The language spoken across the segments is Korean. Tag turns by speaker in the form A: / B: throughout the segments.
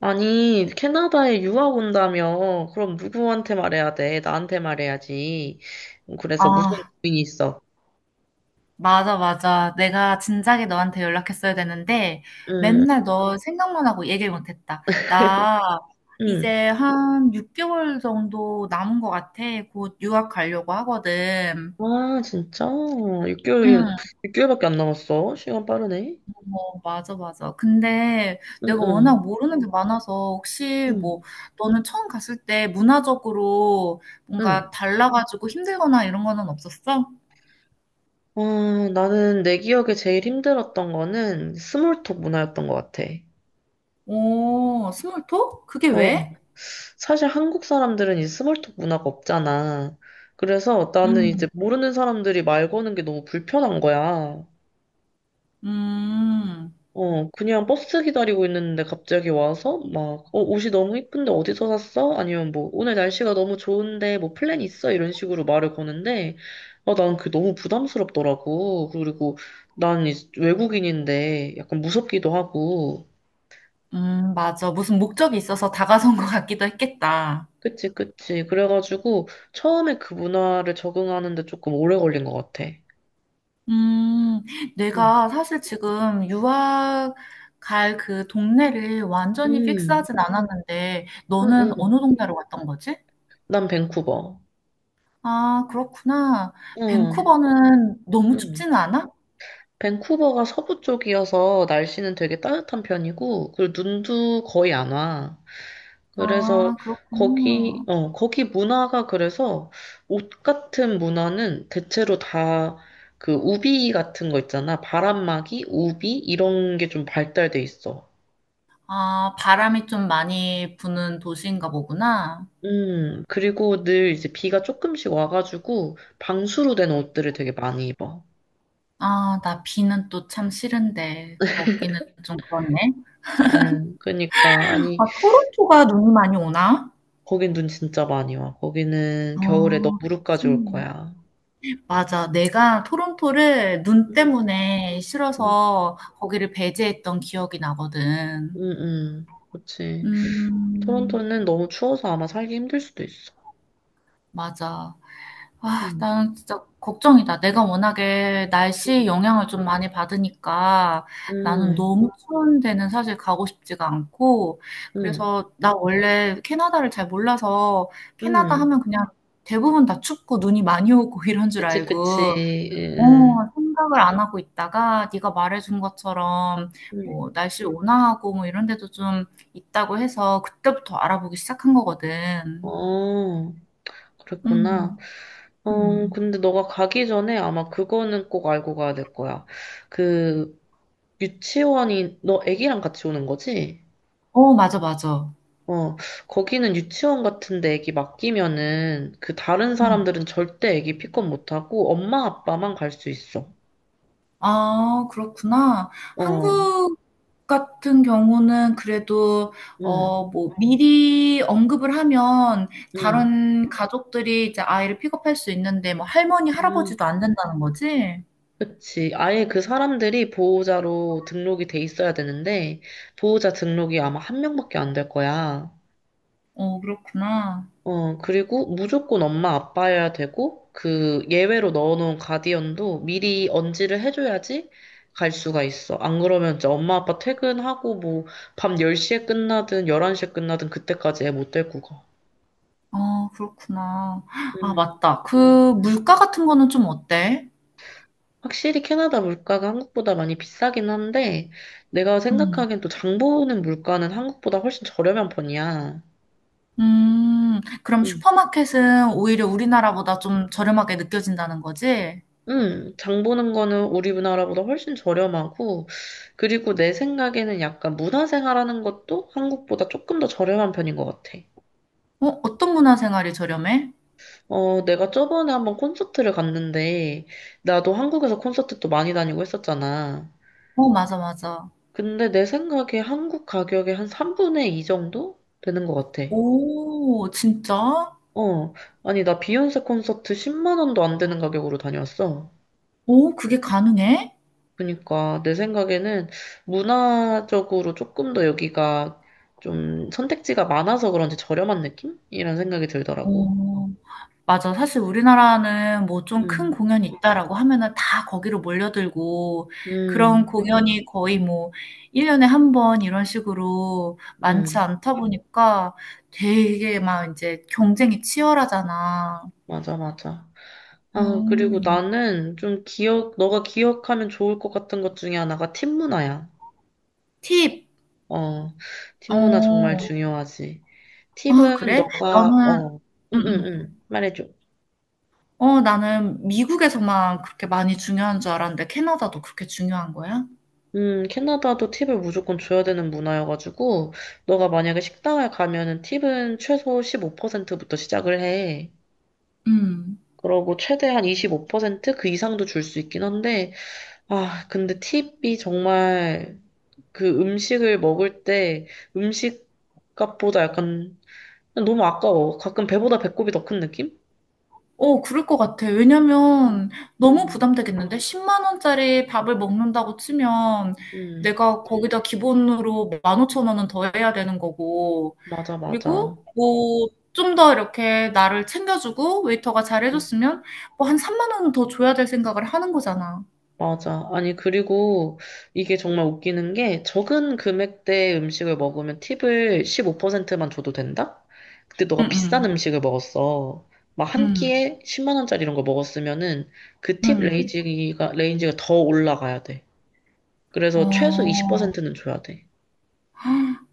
A: 아니, 캐나다에 유학 온다며. 그럼 누구한테 말해야 돼? 나한테 말해야지. 그래서 무슨
B: 아,
A: 고민이 있어?
B: 맞아, 맞아. 내가 진작에 너한테 연락했어야 되는데,
A: 응,
B: 맨날 너 생각만 하고 얘기를 못했다. 나
A: 응.
B: 이제 한 6개월 정도 남은 것 같아. 곧 유학 가려고 하거든.
A: 아, 진짜? 6개월,
B: 응,
A: 육개월밖에 안 남았어. 시간 빠르네.
B: 어, 맞아, 맞아. 근데
A: 응,
B: 내가 워낙
A: 응,
B: 모르는 게 많아서, 혹시 뭐,
A: 응,
B: 너는 처음 갔을 때 문화적으로 뭔가
A: 응.
B: 달라가지고 힘들거나 이런 거는 없었어?
A: 아, 나는 내 기억에 제일 힘들었던 거는 스몰톡 문화였던 것 같아.
B: 오, 스몰톡? 그게
A: 어,
B: 왜?
A: 사실 한국 사람들은 이 스몰톡 문화가 없잖아. 그래서 나는
B: 음,
A: 이제 모르는 사람들이 말 거는 게 너무 불편한 거야.
B: 음.
A: 어, 그냥 버스 기다리고 있는데 갑자기 와서 막, 어, 옷이 너무 이쁜데 어디서 샀어? 아니면 뭐, 오늘 날씨가 너무 좋은데 뭐 플랜 있어? 이런 식으로 말을 거는데, 아, 난 그게 너무 부담스럽더라고. 그리고 난 이제 외국인인데 약간 무섭기도 하고.
B: 맞아. 무슨 목적이 있어서 다가선 것 같기도 했겠다.
A: 그치, 그치. 그래가지고 처음에 그 문화를 적응하는데 조금 오래 걸린 것 같아.
B: 음,
A: 응,
B: 내가 사실 지금 유학 갈 그 동네를 완전히
A: 응,
B: 픽스하진 않았는데,
A: 응.
B: 너는
A: 응.
B: 어느 동네로 갔던 거지?
A: 난 밴쿠버.
B: 아, 그렇구나.
A: 응,
B: 밴쿠버는 너무
A: 응.
B: 춥지는 않아?
A: 밴쿠버가 서부 쪽이어서 날씨는 되게 따뜻한 편이고, 그리고 눈도 거의 안 와. 그래서
B: 아,
A: 거기,
B: 그렇구나.
A: 어, 거기 문화가 그래서 옷 같은 문화는 대체로 다 그 우비 같은 거 있잖아. 바람막이, 우비, 이런 게 좀 발달돼 있어.
B: 아, 바람이 좀 많이 부는 도시인가 보구나.
A: 그리고 늘 이제 비가 조금씩 와가지고 방수로 된 옷들을 되게 많이 입어.
B: 아, 나 비는 또 참 싫은데, 거기는 좀 그렇네.
A: 아유, 그러니까 아니
B: 아, 토론토가 눈이 많이 오나?
A: 거긴 눈 진짜 많이 와. 거기는 겨울에 너
B: 어, 그치.
A: 무릎까지 올 거야.
B: 맞아. 내가 토론토를 눈
A: 음,
B: 때문에
A: 음,
B: 싫어서 거기를 배제했던 기억이 나거든.
A: 그치.
B: 음,
A: 토론토는 너무 추워서 아마 살기 힘들 수도 있어.
B: 맞아. 아,
A: 음,
B: 나는 진짜 걱정이다. 내가 워낙에 날씨 영향을 좀 많이 받으니까 나는
A: 음,
B: 너무 추운 데는 사실 가고 싶지가 않고,
A: 음,
B: 그래서 나 원래 캐나다를 잘 몰라서 캐나다
A: 음.
B: 하면 그냥 대부분 다 춥고 눈이 많이 오고 이런 줄
A: 그치, 그치.
B: 알고, 어,
A: 음,
B: 생각을 안 하고 있다가 네가 말해준 것처럼
A: 음.
B: 뭐 날씨 온화하고 뭐 이런 데도 좀 있다고 해서 그때부터 알아보기 시작한 거거든.
A: 어, 그랬구나.
B: 음,
A: 어,
B: 음.
A: 근데 너가 가기 전에 아마 그거는 꼭 알고 가야 될 거야. 그, 유치원이, 너 애기랑 같이 오는 거지?
B: 어, 맞아, 맞아.
A: 어, 거기는 유치원 같은데 애기 맡기면은 그 다른
B: 음.
A: 사람들은 절대 애기 픽업 못하고 엄마 아빠만 갈 수 있어.
B: 아, 그렇구나.
A: 어,
B: 한국 같은 경우는 그래도
A: 음,
B: 어, 뭐 미리 언급을 하면
A: 음,
B: 다른 가족들이 이제 아이를 픽업할 수 있는데 뭐 할머니,
A: 음.
B: 할아버지도 안 된다는 거지?
A: 그치. 아예 그 사람들이 보호자로 등록이 돼 있어야 되는데 보호자 등록이 아마 한 명밖에 안 될 거야.
B: 어, 그렇구나.
A: 어, 그리고 무조건 엄마 아빠여야 되고, 그 예외로 넣어놓은 가디언도 미리 언지를 해줘야지 갈 수가 있어. 안 그러면 이제 엄마 아빠 퇴근하고 뭐 밤 10시에 끝나든 11시에 끝나든 그때까지 애 못 데리고 가.
B: 아, 그렇구나. 아,
A: 음.
B: 맞다. 그
A: 음.
B: 물가 같은 거는 좀 어때?
A: 확실히 캐나다 물가가 한국보다 많이 비싸긴 한데, 내가
B: 음.
A: 생각하기엔 또 장 보는 물가는 한국보다 훨씬 저렴한 편이야.
B: 그럼
A: 음.
B: 슈퍼마켓은 오히려 우리나라보다 좀 저렴하게 느껴진다는 거지?
A: 장 보는 거는 우리 나라보다 훨씬 저렴하고, 그리고 내 생각에는 약간 문화생활하는 것도 한국보다 조금 더 저렴한 편인 것 같아.
B: 어, 어떤 문화생활이 저렴해?
A: 어, 내가 저번에 한번 콘서트를 갔는데, 나도 한국에서 콘서트 또 많이 다니고 했었잖아.
B: 어, 맞아, 맞아.
A: 근데 내 생각에 한국 가격의 한 3분의 2 정도 되는 것 같아.
B: 오, 진짜?
A: 어, 아니, 나 비욘세 콘서트 10만 원도 안 되는 가격으로 다녀왔어.
B: 오, 그게 가능해?
A: 그러니까 내 생각에는 문화적으로 조금 더 여기가 좀 선택지가 많아서 그런지 저렴한 느낌? 이런 생각이 들더라고.
B: 오, 맞아. 사실 우리나라는 뭐 좀 큰
A: 음,
B: 공연이 있다라고 하면은 다 거기로 몰려들고 그런
A: 음,
B: 공연이 거의 뭐 1 년에 한 번 이런 식으로 많지
A: 음,
B: 않다 보니까 되게 막 인제 경쟁이 치열하잖아.
A: 맞아, 맞아. 아, 그리고
B: 음.
A: 나는 좀 기억, 너가 기억하면 좋을 것 같은 것 중에 하나가 팀 문화야.
B: 팁.
A: 어, 팀 문화 정말
B: 어.
A: 중요하지.
B: 아
A: 팁은
B: 그래?
A: 너가,
B: 나는
A: 어, 응, 응,
B: 음음.
A: 응, 말해줘.
B: 어 나는 미국에서만 그렇게 많이 중요한 줄 알았는데 캐나다도 그렇게 중요한 거야?
A: 캐나다도 팁을 무조건 줘야 되는 문화여가지고, 너가 만약에 식당을 가면은 팁은 최소 15%부터 시작을 해.
B: 음.
A: 그러고 최대한 25% 그 이상도 줄 수 있긴 한데, 아, 근데 팁이 정말 그 음식을 먹을 때 음식 값보다 약간 너무 아까워. 가끔 배보다 배꼽이 더 큰 느낌?
B: 어, 그럴 것 같아.
A: 음,
B: 왜냐면 너무
A: 음,
B: 부담되겠는데? 10만 원짜리 밥을 먹는다고 치면
A: 음,
B: 내가 거기다 기본으로 15,000원은 더 해야 되는 거고.
A: 맞아, 맞아.
B: 그리고 뭐 좀 더 이렇게 나를 챙겨주고 웨이터가 잘
A: 음.
B: 해줬으면 뭐 한 3만 원은 더 줘야 될 생각을 하는 거잖아.
A: 맞아. 아니, 그리고 이게 정말 웃기는 게 적은 금액대 음식을 먹으면 팁을 15%만 줘도 된다? 근데
B: 응,
A: 너가 비싼
B: 응,
A: 음식을 먹었어. 막 한
B: 응,
A: 끼에 10만 원짜리 이런 거 먹었으면은 그 팁
B: 응.
A: 레인지가 더 올라가야 돼. 그래서 최소
B: 어,
A: 20%는 줘야 돼.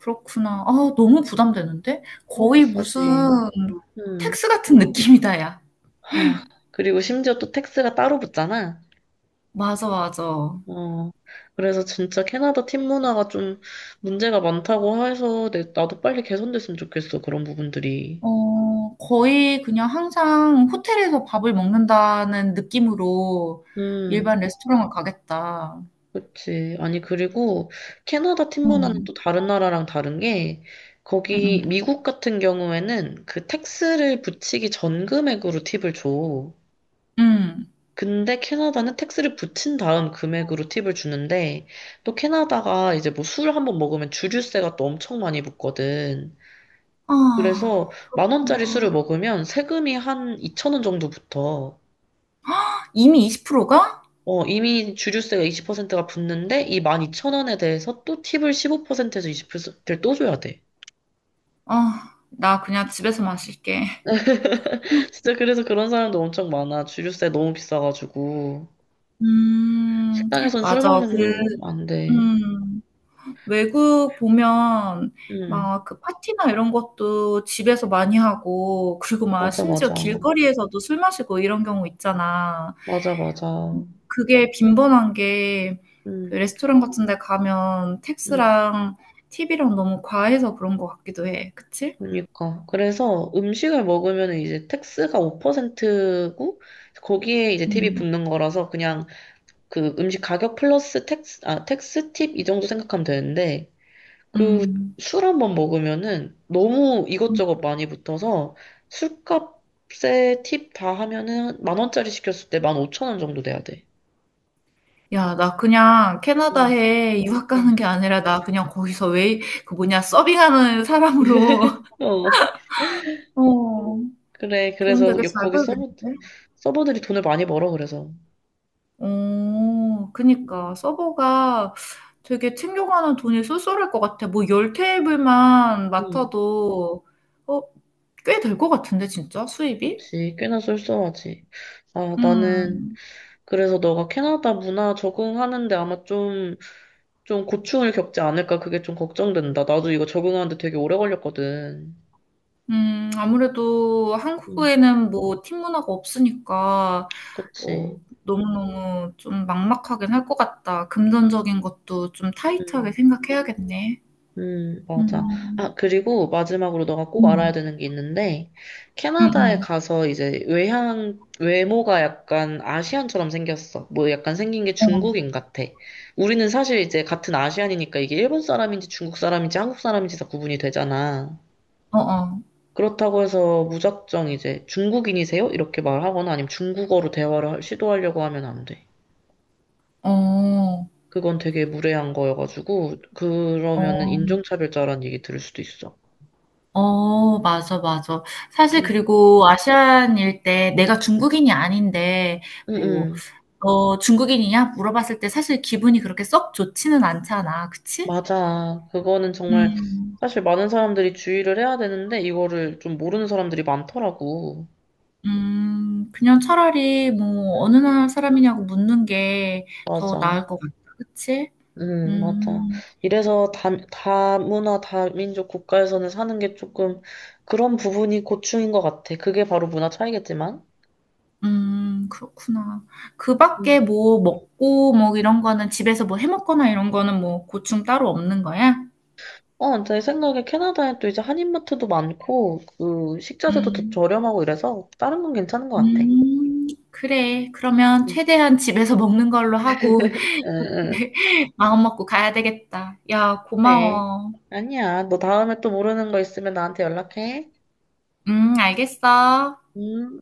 B: 그렇구나. 아, 너무 부담되는데?
A: 너무
B: 거의 무슨
A: 비싸지. 음.
B: 텍스 같은 느낌이다, 야.
A: 하, 그리고 심지어 또 텍스가 따로 붙잖아.
B: 맞아, 맞아.
A: 어, 그래서 진짜 캐나다 팀 문화가 좀 문제가 많다고 해서 나도 빨리 개선됐으면 좋겠어, 그런 부분들이.
B: 어, 거의 그냥 항상 호텔에서 밥을 먹는다는 느낌으로
A: 음,
B: 일반 레스토랑을 가겠다.
A: 그치. 아니, 그리고 캐나다 팀 문화는
B: 음,
A: 또 다른 나라랑 다른 게,
B: 음,
A: 거기
B: 음.
A: 미국 같은 경우에는 그 택스를 붙이기 전 금액으로 팁을 줘.
B: 음.
A: 근데 캐나다는 택스를 붙인 다음 금액으로 팁을 주는데, 또 캐나다가 이제 뭐 술 한 번 먹으면 주류세가 또 엄청 많이 붙거든.
B: 아,
A: 그래서 만 원짜리 술을 먹으면 세금이 한 2천 원 정도 붙어.
B: 이미 20%가?
A: 어, 이미 주류세가 20%가 붙는데 이만2천원에 대해서 또 팁을 15%에서 20%를 또 줘야 돼.
B: 아, 나 그냥 집에서 마실게.
A: 진짜 그래서 그런 사람도 엄청 많아. 주류세 너무 비싸가지고.
B: 음,
A: 식당에선 술
B: 맞아. 그,
A: 먹는 안 돼.
B: 음, 외국 보면
A: 응,
B: 막 그 파티나 이런 것도 집에서 많이 하고, 그리고 막
A: 맞아,
B: 심지어
A: 맞아.
B: 길거리에서도 술 마시고 이런 경우 있잖아.
A: 맞아, 맞아.
B: 그게 빈번한 게 그
A: 응,
B: 레스토랑 같은 데 가면
A: 응.
B: 텍스랑 팁이랑 너무 과해서 그런 것 같기도 해. 그치?
A: 그러니까. 그래서 음식을 먹으면 이제 택스가 5%고 거기에 이제 팁이
B: 음.
A: 붙는 거라서 그냥 그 음식 가격 플러스 텍스, 아, 텍스 팁 이 정도 생각하면 되는데, 그
B: 음.
A: 술 한번 먹으면은 너무
B: 음.
A: 이것저것 많이 붙어서 술값에 팁 다 하면은 만 원짜리 시켰을 때 만 오천 원 정도 돼야 돼.
B: 야, 나 그냥
A: 음.
B: 캐나다에 유학 가는 게 아니라 나 그냥 거기서 웨이 그 뭐냐 서빙하는 사람으로.
A: 어. 음.
B: 어.
A: 그래,
B: 돈
A: 그래서
B: 되게 잘
A: 거기 서버,
B: 벌겠는데?
A: 서버들이 돈을 많이 벌어, 그래서.
B: 어,
A: 음,
B: 그니까 서버가 되게 챙겨가는 돈이 쏠쏠할 것 같아. 뭐 열 테이블만
A: 음.
B: 맡아도 어, 꽤 될 것 같은데 진짜 수입이?
A: 그치. 꽤나 쏠쏠하지. 아, 나는,
B: 음,
A: 그래서 너가 캐나다 문화 적응하는데 아마 좀 좀 고충을 겪지 않을까 그게 좀 걱정된다. 나도 이거 적응하는데 되게 오래 걸렸거든.
B: 아무래도
A: 음,
B: 한국에는 뭐 팀 문화가 없으니까
A: 그치.
B: 뭐 너무너무 좀 막막하긴 할 것 같다. 금전적인 것도 좀 타이트하게
A: 음,
B: 생각해야겠네.
A: 맞아.
B: 음,
A: 아, 그리고 마지막으로 너가 꼭 알아야
B: 음,
A: 되는 게 있는데,
B: 음,
A: 캐나다에
B: 음.
A: 가서 이제 외향, 외모가 약간 아시안처럼 생겼어. 뭐 약간 생긴 게
B: 어,
A: 중국인 같아. 우리는 사실 이제 같은 아시안이니까 이게 일본 사람인지 중국 사람인지 한국 사람인지 다 구분이 되잖아.
B: 어,
A: 그렇다고 해서 무작정 이제 중국인이세요? 이렇게 말하거나 아니면 중국어로 대화를 시도하려고 하면 안 돼.
B: 어, 어.
A: 그건 되게 무례한 거여가지고, 그러면은
B: 어.
A: 인종차별자라는 얘기 들을 수도 있어.
B: 어 맞아, 맞아. 사실
A: 응,
B: 그리고 아시안일 때 내가 중국인이 아닌데
A: 응,
B: 뭐
A: 응.
B: "너 중국인이냐?" 물어봤을 때 사실 기분이 그렇게 썩 좋지는 않잖아. 그치?
A: 맞아. 그거는 정말
B: 음.
A: 사실 많은 사람들이 주의를 해야 되는데, 이거를 좀 모르는 사람들이 많더라고.
B: 음. 그냥 차라리 뭐
A: 응,
B: "어느 나라 사람이냐."고 묻는 게 더
A: 맞아.
B: 나을 것 같다. 그치?
A: 응, 맞아.
B: 음.
A: 이래서 다문화, 다민족 국가에서는 사는 게 조금 그런 부분이 고충인 것 같아. 그게 바로 문화 차이겠지만.
B: 음. 그렇구나. 그
A: 음.
B: 밖에 뭐 먹고 뭐 이런 거는 집에서 뭐 해 먹거나 이런 거는 뭐 고충 따로 없는 거야?
A: 어, 제 생각에 캐나다에 또 이제 한인마트도 많고, 그, 식자재도 더
B: 음.
A: 저렴하고 이래서, 다른 건 괜찮은 것 같아.
B: 그래. 그러면
A: 음.
B: 최대한 집에서 먹는 걸로 하고
A: 응, 응.
B: 마음 먹고 가야 되겠다. 야,
A: 네.
B: 고마워.
A: 아니야. 너 다음에 또 모르는 거 있으면 나한테 연락해.
B: 알겠어.
A: 음.